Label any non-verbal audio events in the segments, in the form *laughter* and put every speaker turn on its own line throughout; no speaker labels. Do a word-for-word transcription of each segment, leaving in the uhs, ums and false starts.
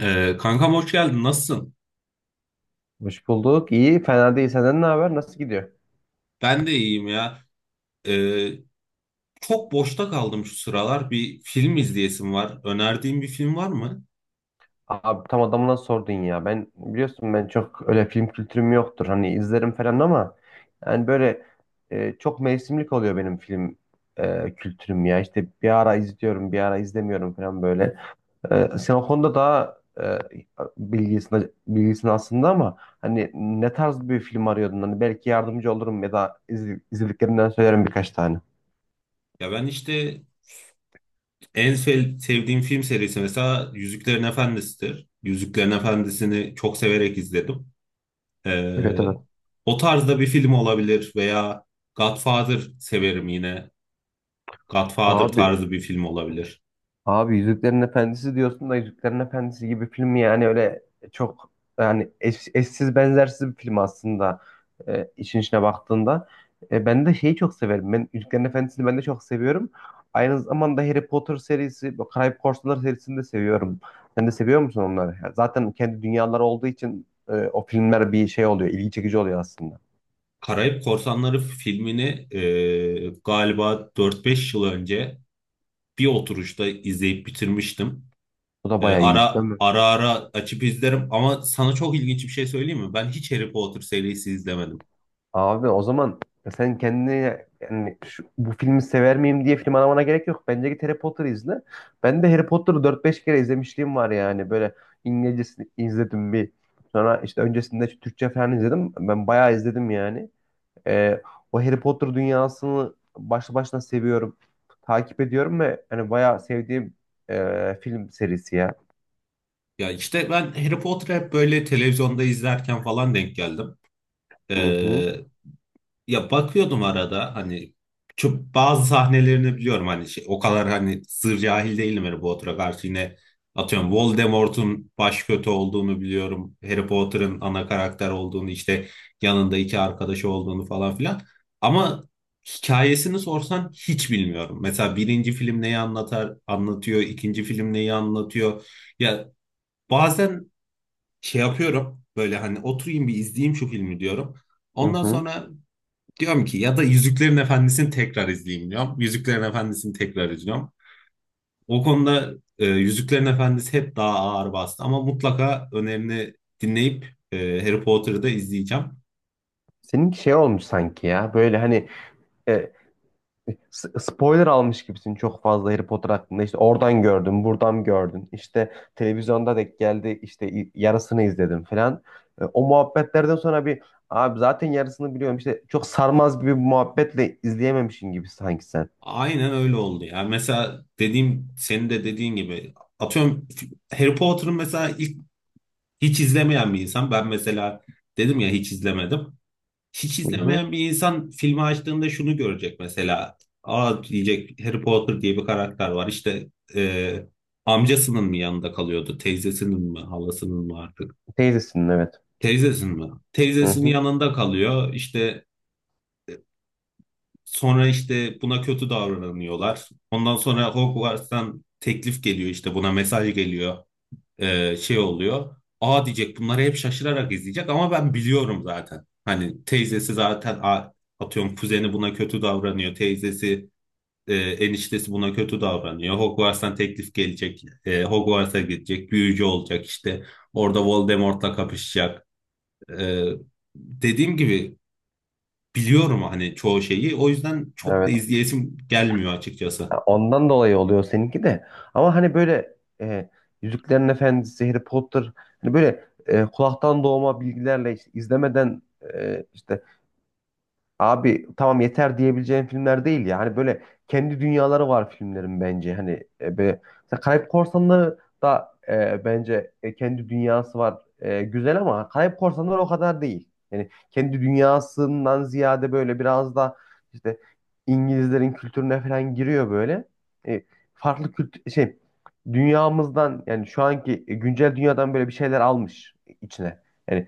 Ee, kankam hoş geldin. Nasılsın?
Hoş bulduk. İyi, fena değil. Senden ne haber? Nasıl gidiyor?
Ben de iyiyim ya. Ee, Çok boşta kaldım şu sıralar. Bir film izleyesim var. Önerdiğin bir film var mı?
Abi tam adamına sordun ya. Ben biliyorsun ben çok öyle film kültürüm yoktur. Hani izlerim falan ama yani böyle e, çok mevsimlik oluyor benim film e, kültürüm ya. İşte bir ara izliyorum, bir ara izlemiyorum falan böyle. E, sen o konuda daha e, bilgisin, bilgisin aslında ama hani ne tarz bir film arıyordun? Hani belki yardımcı olurum ya da iz, izlediklerimden söylerim birkaç tane.
Ya ben işte en sev- sevdiğim film serisi mesela Yüzüklerin Efendisi'dir. Yüzüklerin Efendisi'ni çok severek izledim.
Evet,
Ee,
evet.
O tarzda bir film olabilir veya Godfather severim yine. Godfather
Abi
tarzı bir film olabilir.
Abi Yüzüklerin Efendisi diyorsun da Yüzüklerin Efendisi gibi film yani öyle çok yani eş- eşsiz benzersiz bir film aslında e, işin içine baktığında. E, ben de şeyi çok severim. Ben Yüzüklerin Efendisi'ni ben de çok seviyorum. Aynı zamanda Harry Potter serisi, bu Karayip Korsanları serisini de seviyorum. Sen de seviyor musun onları? Yani zaten kendi dünyaları olduğu için e, o filmler bir şey oluyor, ilgi çekici oluyor aslında.
Karayip Korsanları filmini e, galiba dört beş yıl önce bir oturuşta izleyip bitirmiştim.
Bu da
Ee,
bayağı iyi değil
ara
mi?
ara ara açıp izlerim ama sana çok ilginç bir şey söyleyeyim mi? Ben hiç Harry Potter serisi izlemedim.
Abi o zaman sen kendine yani şu, bu filmi sever miyim diye film aramana gerek yok. Bence git Harry Potter izle. Ben de Harry Potter'ı dört beş kere izlemişliğim var yani. Böyle İngilizcesini izledim bir. Sonra işte öncesinde Türkçe falan izledim. Ben bayağı izledim yani. Ee, O Harry Potter dünyasını başlı başına seviyorum. Takip ediyorum ve hani bayağı sevdiğim e, film serisi ya.
Ya işte ben Harry Potter'ı hep böyle televizyonda izlerken falan denk geldim.
Hı hı,
Ee, Ya bakıyordum arada hani çok bazı sahnelerini biliyorum hani şey, o kadar hani sır cahil değilim Harry Potter'a karşı yine atıyorum Voldemort'un baş kötü olduğunu biliyorum. Harry Potter'ın ana karakter olduğunu işte yanında iki arkadaşı olduğunu falan filan. Ama hikayesini sorsan hiç bilmiyorum. Mesela birinci film neyi anlatar anlatıyor, ikinci film neyi anlatıyor. Ya bazen şey yapıyorum böyle hani oturayım bir izleyeyim şu filmi diyorum.
hı
Ondan
hı.
sonra diyorum ki ya da Yüzüklerin Efendisi'ni tekrar izleyeyim diyorum. Yüzüklerin Efendisi'ni tekrar izliyorum. O konuda e, Yüzüklerin Efendisi hep daha ağır bastı ama mutlaka önerini dinleyip e, Harry Potter'ı da izleyeceğim.
Seninki şey olmuş sanki ya. Böyle hani e, S- spoiler almış gibisin çok fazla Harry Potter hakkında. İşte oradan gördüm, buradan gördün. İşte televizyonda denk geldi, işte i- yarısını izledim falan. E, o muhabbetlerden sonra bir abi zaten yarısını biliyorum. İşte çok sarmaz gibi bir muhabbetle izleyememişsin gibi sanki sen.
Aynen öyle oldu ya. Mesela dediğim senin de dediğin gibi atıyorum Harry Potter'ın mesela ilk hiç izlemeyen bir insan. Ben mesela dedim ya hiç izlemedim. Hiç
Hı hı.
izlemeyen bir insan filmi açtığında şunu görecek mesela. Aa diyecek Harry Potter diye bir karakter var. İşte e, amcasının mı yanında kalıyordu? Teyzesinin mi? Halasının mı artık?
Teyzesin, evet.
Teyzesinin mi?
Hı
Teyzesinin
hı.
yanında kalıyor. İşte sonra işte buna kötü davranıyorlar. Ondan sonra Hogwarts'tan teklif geliyor işte buna mesaj geliyor. E, şey oluyor. Aa diyecek bunları hep şaşırarak izleyecek ama ben biliyorum zaten. Hani teyzesi zaten a- atıyorum kuzeni buna kötü davranıyor. Teyzesi, e, eniştesi buna kötü davranıyor. Hogwarts'tan teklif gelecek. E, Hogwarts'a gidecek. Büyücü olacak işte. Orada Voldemort'la kapışacak. E, Dediğim gibi biliyorum hani çoğu şeyi. O yüzden çok da
Evet.
izleyesim gelmiyor açıkçası.
Ya ondan dolayı oluyor seninki de. Ama hani böyle e, Yüzüklerin Efendisi, Harry Potter hani böyle e, kulaktan doğma bilgilerle işte izlemeden e, işte abi tamam yeter diyebileceğin filmler değil ya. Hani böyle kendi dünyaları var filmlerin bence. Hani e, be, mesela Karayip Korsanları da e, bence e, kendi dünyası var. E, güzel ama Karayip Korsanları o kadar değil. Yani kendi dünyasından ziyade böyle biraz da işte İngilizlerin kültürüne falan giriyor böyle. E, Farklı kültür şey dünyamızdan yani şu anki e, güncel dünyadan böyle bir şeyler almış içine. Yani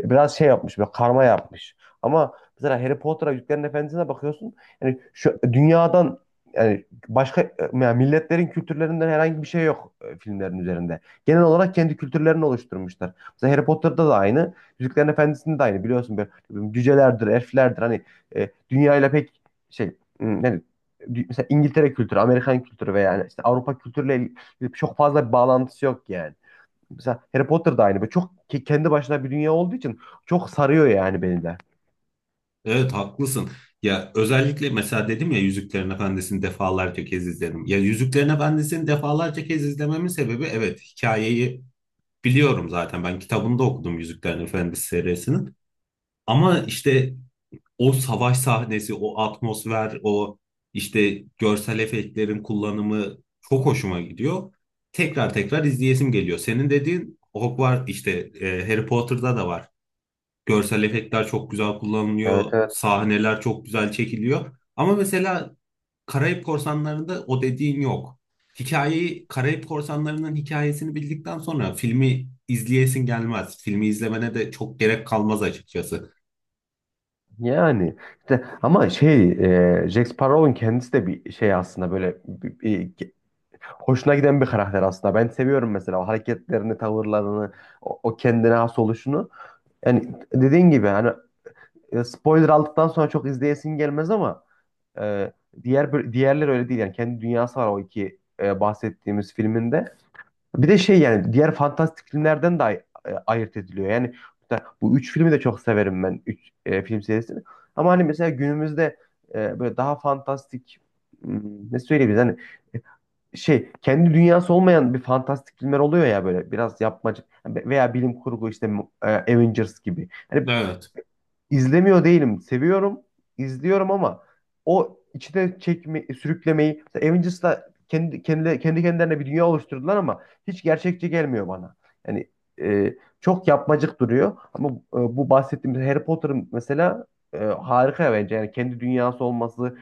biraz şey yapmış böyle karma yapmış. Ama mesela Harry Potter'a Yüzüklerin Efendisi'ne bakıyorsun. Yani şu dünyadan yani başka yani milletlerin kültürlerinden herhangi bir şey yok e, filmlerin üzerinde. Genel olarak kendi kültürlerini oluşturmuşlar. Mesela Harry Potter'da da aynı, Yüzüklerin Efendisi'nde de aynı biliyorsun böyle cücelerdir, elflerdir hani e, dünyayla pek şey hmm, yani dü- mesela İngiltere kültürü, Amerikan kültürü veya yani işte Avrupa kültürüyle il- çok fazla bir bağlantısı yok yani. Mesela Harry Potter da aynı. Böyle çok ke- kendi başına bir dünya olduğu için çok sarıyor yani beni de.
Evet haklısın. Ya özellikle mesela dedim ya Yüzüklerin Efendisi'ni defalarca kez izledim. Ya Yüzüklerin Efendisi'ni defalarca kez izlememin sebebi, evet, hikayeyi biliyorum zaten. Ben kitabını da okudum Yüzüklerin Efendisi serisinin. Ama işte o savaş sahnesi, o atmosfer, o işte görsel efektlerin kullanımı çok hoşuma gidiyor. Tekrar tekrar izleyesim geliyor. Senin dediğin Hogwarts işte e, Harry Potter'da da var. Görsel efektler çok güzel
Evet,
kullanılıyor.
evet.
Sahneler çok güzel çekiliyor. Ama mesela Karayip Korsanları'nda o dediğin yok. Hikayeyi, Karayip Korsanları'nın hikayesini bildikten sonra filmi izleyesin gelmez. Filmi izlemene de çok gerek kalmaz açıkçası.
Yani işte ama şey e, Jack Sparrow'un kendisi de bir şey aslında böyle bir- bir- hoşuna giden bir karakter aslında. Ben seviyorum mesela o hareketlerini, tavırlarını, o, o kendine has oluşunu. Yani dediğin gibi hani e, spoiler aldıktan sonra çok izleyesin gelmez ama Ee, diğer bö- diğerleri öyle değil yani kendi dünyası var o iki e, bahsettiğimiz filminde. Bir de şey yani diğer fantastik filmlerden de ay- e, ayırt ediliyor. Yani bu üç filmi de çok severim ben. Üç e, film serisini. Ama hani mesela günümüzde e, böyle daha fantastik hmm, ne söyleyebiliriz hani şey kendi dünyası olmayan bir fantastik filmler oluyor ya böyle biraz yapmacık veya bilim kurgu işte e, Avengers gibi. Hani
Evet.
İzlemiyor değilim. Seviyorum, izliyorum ama o içine çekme, sürüklemeyi mesela Avengers'la kendi, kendi, kendi kendilerine bir dünya oluşturdular ama hiç gerçekçi gelmiyor bana. Yani e, çok yapmacık duruyor ama e, bu bahsettiğimiz Harry Potter'ın mesela e, harika bence. Yani kendi dünyası olması,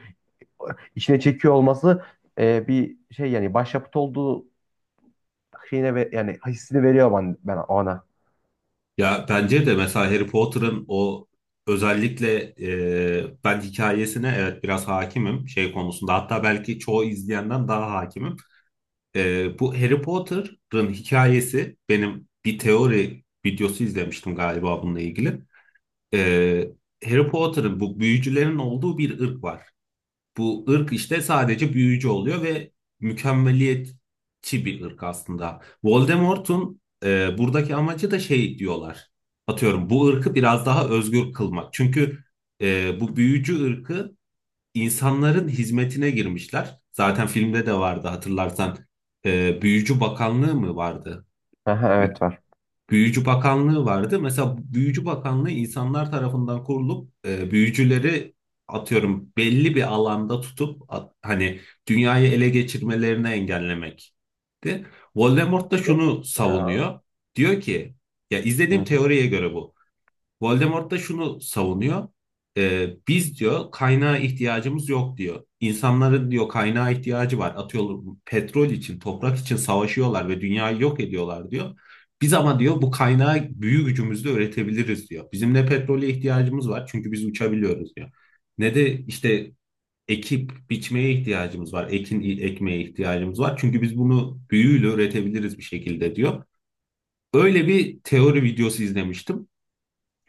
içine çekiyor olması e, bir şey yani başyapıt olduğu şeyine ve, yani hissini veriyor ben, ben ona.
Ya bence de mesela Harry Potter'ın o özellikle e, ben hikayesine evet biraz hakimim şey konusunda hatta belki çoğu izleyenden daha hakimim. E, bu Harry Potter'ın hikayesi benim bir teori videosu izlemiştim galiba bununla ilgili. E, Harry Potter'ın bu büyücülerin olduğu bir ırk var. Bu ırk işte sadece büyücü oluyor ve mükemmeliyetçi bir ırk aslında. Voldemort'un e, buradaki amacı da şey diyorlar. Atıyorum bu ırkı biraz daha özgür kılmak. Çünkü e, bu büyücü ırkı insanların hizmetine girmişler. Zaten filmde de vardı hatırlarsan. E, Büyücü Bakanlığı mı vardı?
Aha, evet var.
Büyücü Bakanlığı vardı. Mesela Büyücü Bakanlığı insanlar tarafından kurulup e, büyücüleri atıyorum belli bir alanda tutup at- hani dünyayı ele geçirmelerini engellemekti. Voldemort da
Yok.
şunu savunuyor. Diyor ki ya izlediğim
Hı.
teoriye göre bu. Voldemort da şunu savunuyor. Ee, biz diyor kaynağa ihtiyacımız yok diyor. İnsanların diyor kaynağa ihtiyacı var. Atıyorum petrol için, toprak için savaşıyorlar ve dünyayı yok ediyorlar diyor. Biz ama diyor bu kaynağı büyü gücümüzle üretebiliriz diyor. Bizim ne petrole ihtiyacımız var çünkü biz uçabiliyoruz diyor. Ne de işte ekip biçmeye ihtiyacımız var. Ekin ekmeye ihtiyacımız var. Çünkü biz bunu büyüyle üretebiliriz bir şekilde diyor. Öyle bir teori videosu izlemiştim.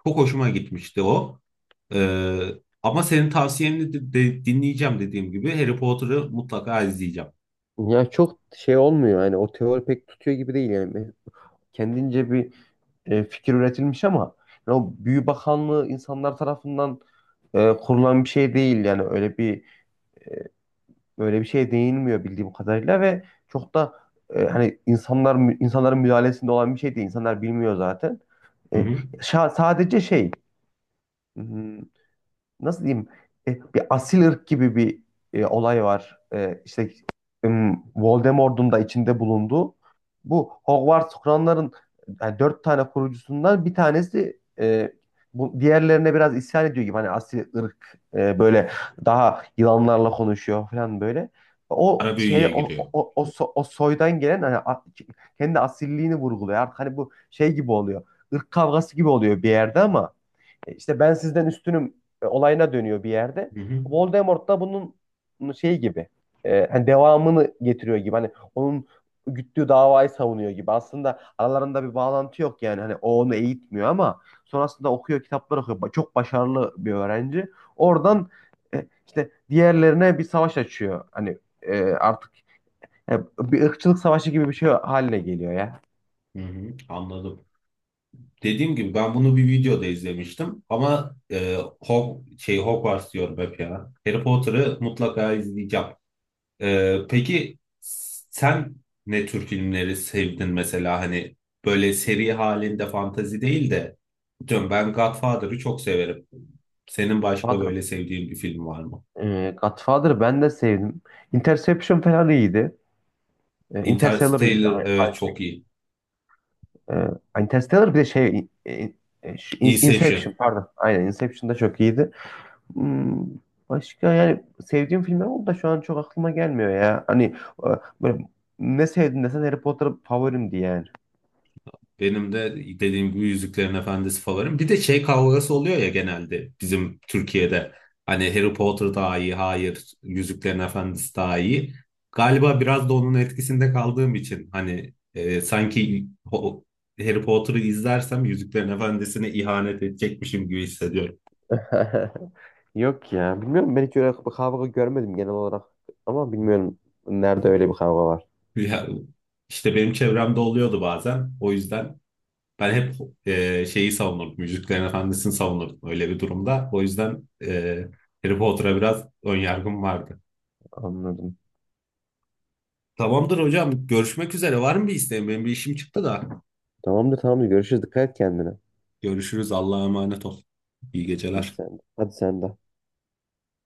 Çok hoşuma gitmişti o. Ee, Ama senin tavsiyeni de, de- dinleyeceğim dediğim gibi Harry Potter'ı mutlaka izleyeceğim.
Ya çok şey olmuyor yani o teori pek tutuyor gibi değil yani. Ben- Kendince bir e, fikir üretilmiş ama yani o Büyü Bakanlığı insanlar tarafından e, kurulan bir şey değil yani öyle bir e, öyle bir şeye değinmiyor bildiğim kadarıyla ve çok da e, hani insanlar insanların müdahalesinde olan bir şey değil. İnsanlar bilmiyor zaten.
Hı
E,
hı.
şa- sadece şey hmm, nasıl diyeyim e, bir asil ırk gibi bir e, olay var. E, işte ım, Voldemort'un da içinde bulunduğu bu Hogwarts kuranların yani dört tane kurucusundan bir tanesi e, bu diğerlerine biraz isyan ediyor gibi hani asil ırk e, böyle daha yılanlarla konuşuyor falan böyle. O
Ara
şey
büyüye
o o,
giriyor.
o, o so- o soydan gelen hani a- kendi asilliğini vurguluyor. Artık hani bu şey gibi oluyor. Irk kavgası gibi oluyor bir yerde ama e, İşte ben sizden üstünüm e, olayına dönüyor bir yerde.
Hı hı.
Voldemort da bunun şey gibi e, hani devamını getiriyor gibi hani onun güttüğü davayı savunuyor gibi. Aslında aralarında bir bağlantı yok yani hani o onu eğitmiyor ama sonrasında okuyor kitaplar okuyor. Ba- Çok başarılı bir öğrenci. Oradan e, işte diğerlerine bir savaş açıyor. Hani e, artık e, bir ırkçılık savaşı gibi bir şey haline geliyor ya.
Hı hı. Anladım. Dediğim gibi ben bunu bir videoda izlemiştim ama e, Hog şey Hogwarts diyorum hep ya. Harry Potter'ı mutlaka izleyeceğim. Ee, peki sen ne tür filmleri sevdin mesela hani böyle seri halinde fantazi değil de diyorum ben Godfather'ı çok severim. Senin başka
Godfather,
böyle sevdiğin bir film var mı?
e, Godfather'ı ben de sevdim. Interception falan iyiydi. E, Interstellar iyiydi.
Interstellar evet çok iyi.
E, Interstellar bir de şey e, e,
Inception.
Inception pardon. Aynen Inception da çok iyiydi. Hmm, Başka yani sevdiğim filmler oldu da şu an çok aklıma gelmiyor ya. Hani e, böyle ne sevdin desen Harry Potter favorimdi yani.
Benim de dediğim gibi Yüzüklerin Efendisi favorim. Bir de şey kavgası oluyor ya genelde bizim Türkiye'de. Hani Harry Potter daha iyi, hayır, Yüzüklerin Efendisi daha iyi. Galiba biraz da onun etkisinde kaldığım için hani e, sanki o- Harry Potter'ı izlersem Yüzüklerin Efendisi'ne ihanet edecekmişim gibi hissediyorum.
*laughs* Yok ya. Bilmiyorum ben hiç öyle bir kavga görmedim genel olarak. Ama bilmiyorum nerede öyle bir kavga var.
Ya, işte benim çevremde oluyordu bazen. O yüzden ben hep e, şeyi savunurdum. Yüzüklerin Efendisi'ni savunurdum öyle bir durumda. O yüzden e, Harry Potter'a biraz ön yargım vardı.
Anladım.
Tamamdır hocam. Görüşmek üzere. Var mı bir isteğin? Benim bir işim çıktı da.
Tamamdır, tamamdır. Görüşürüz. Dikkat et kendine.
Görüşürüz. Allah'a emanet ol. İyi
Hadi
geceler.
sen, hadi sen de.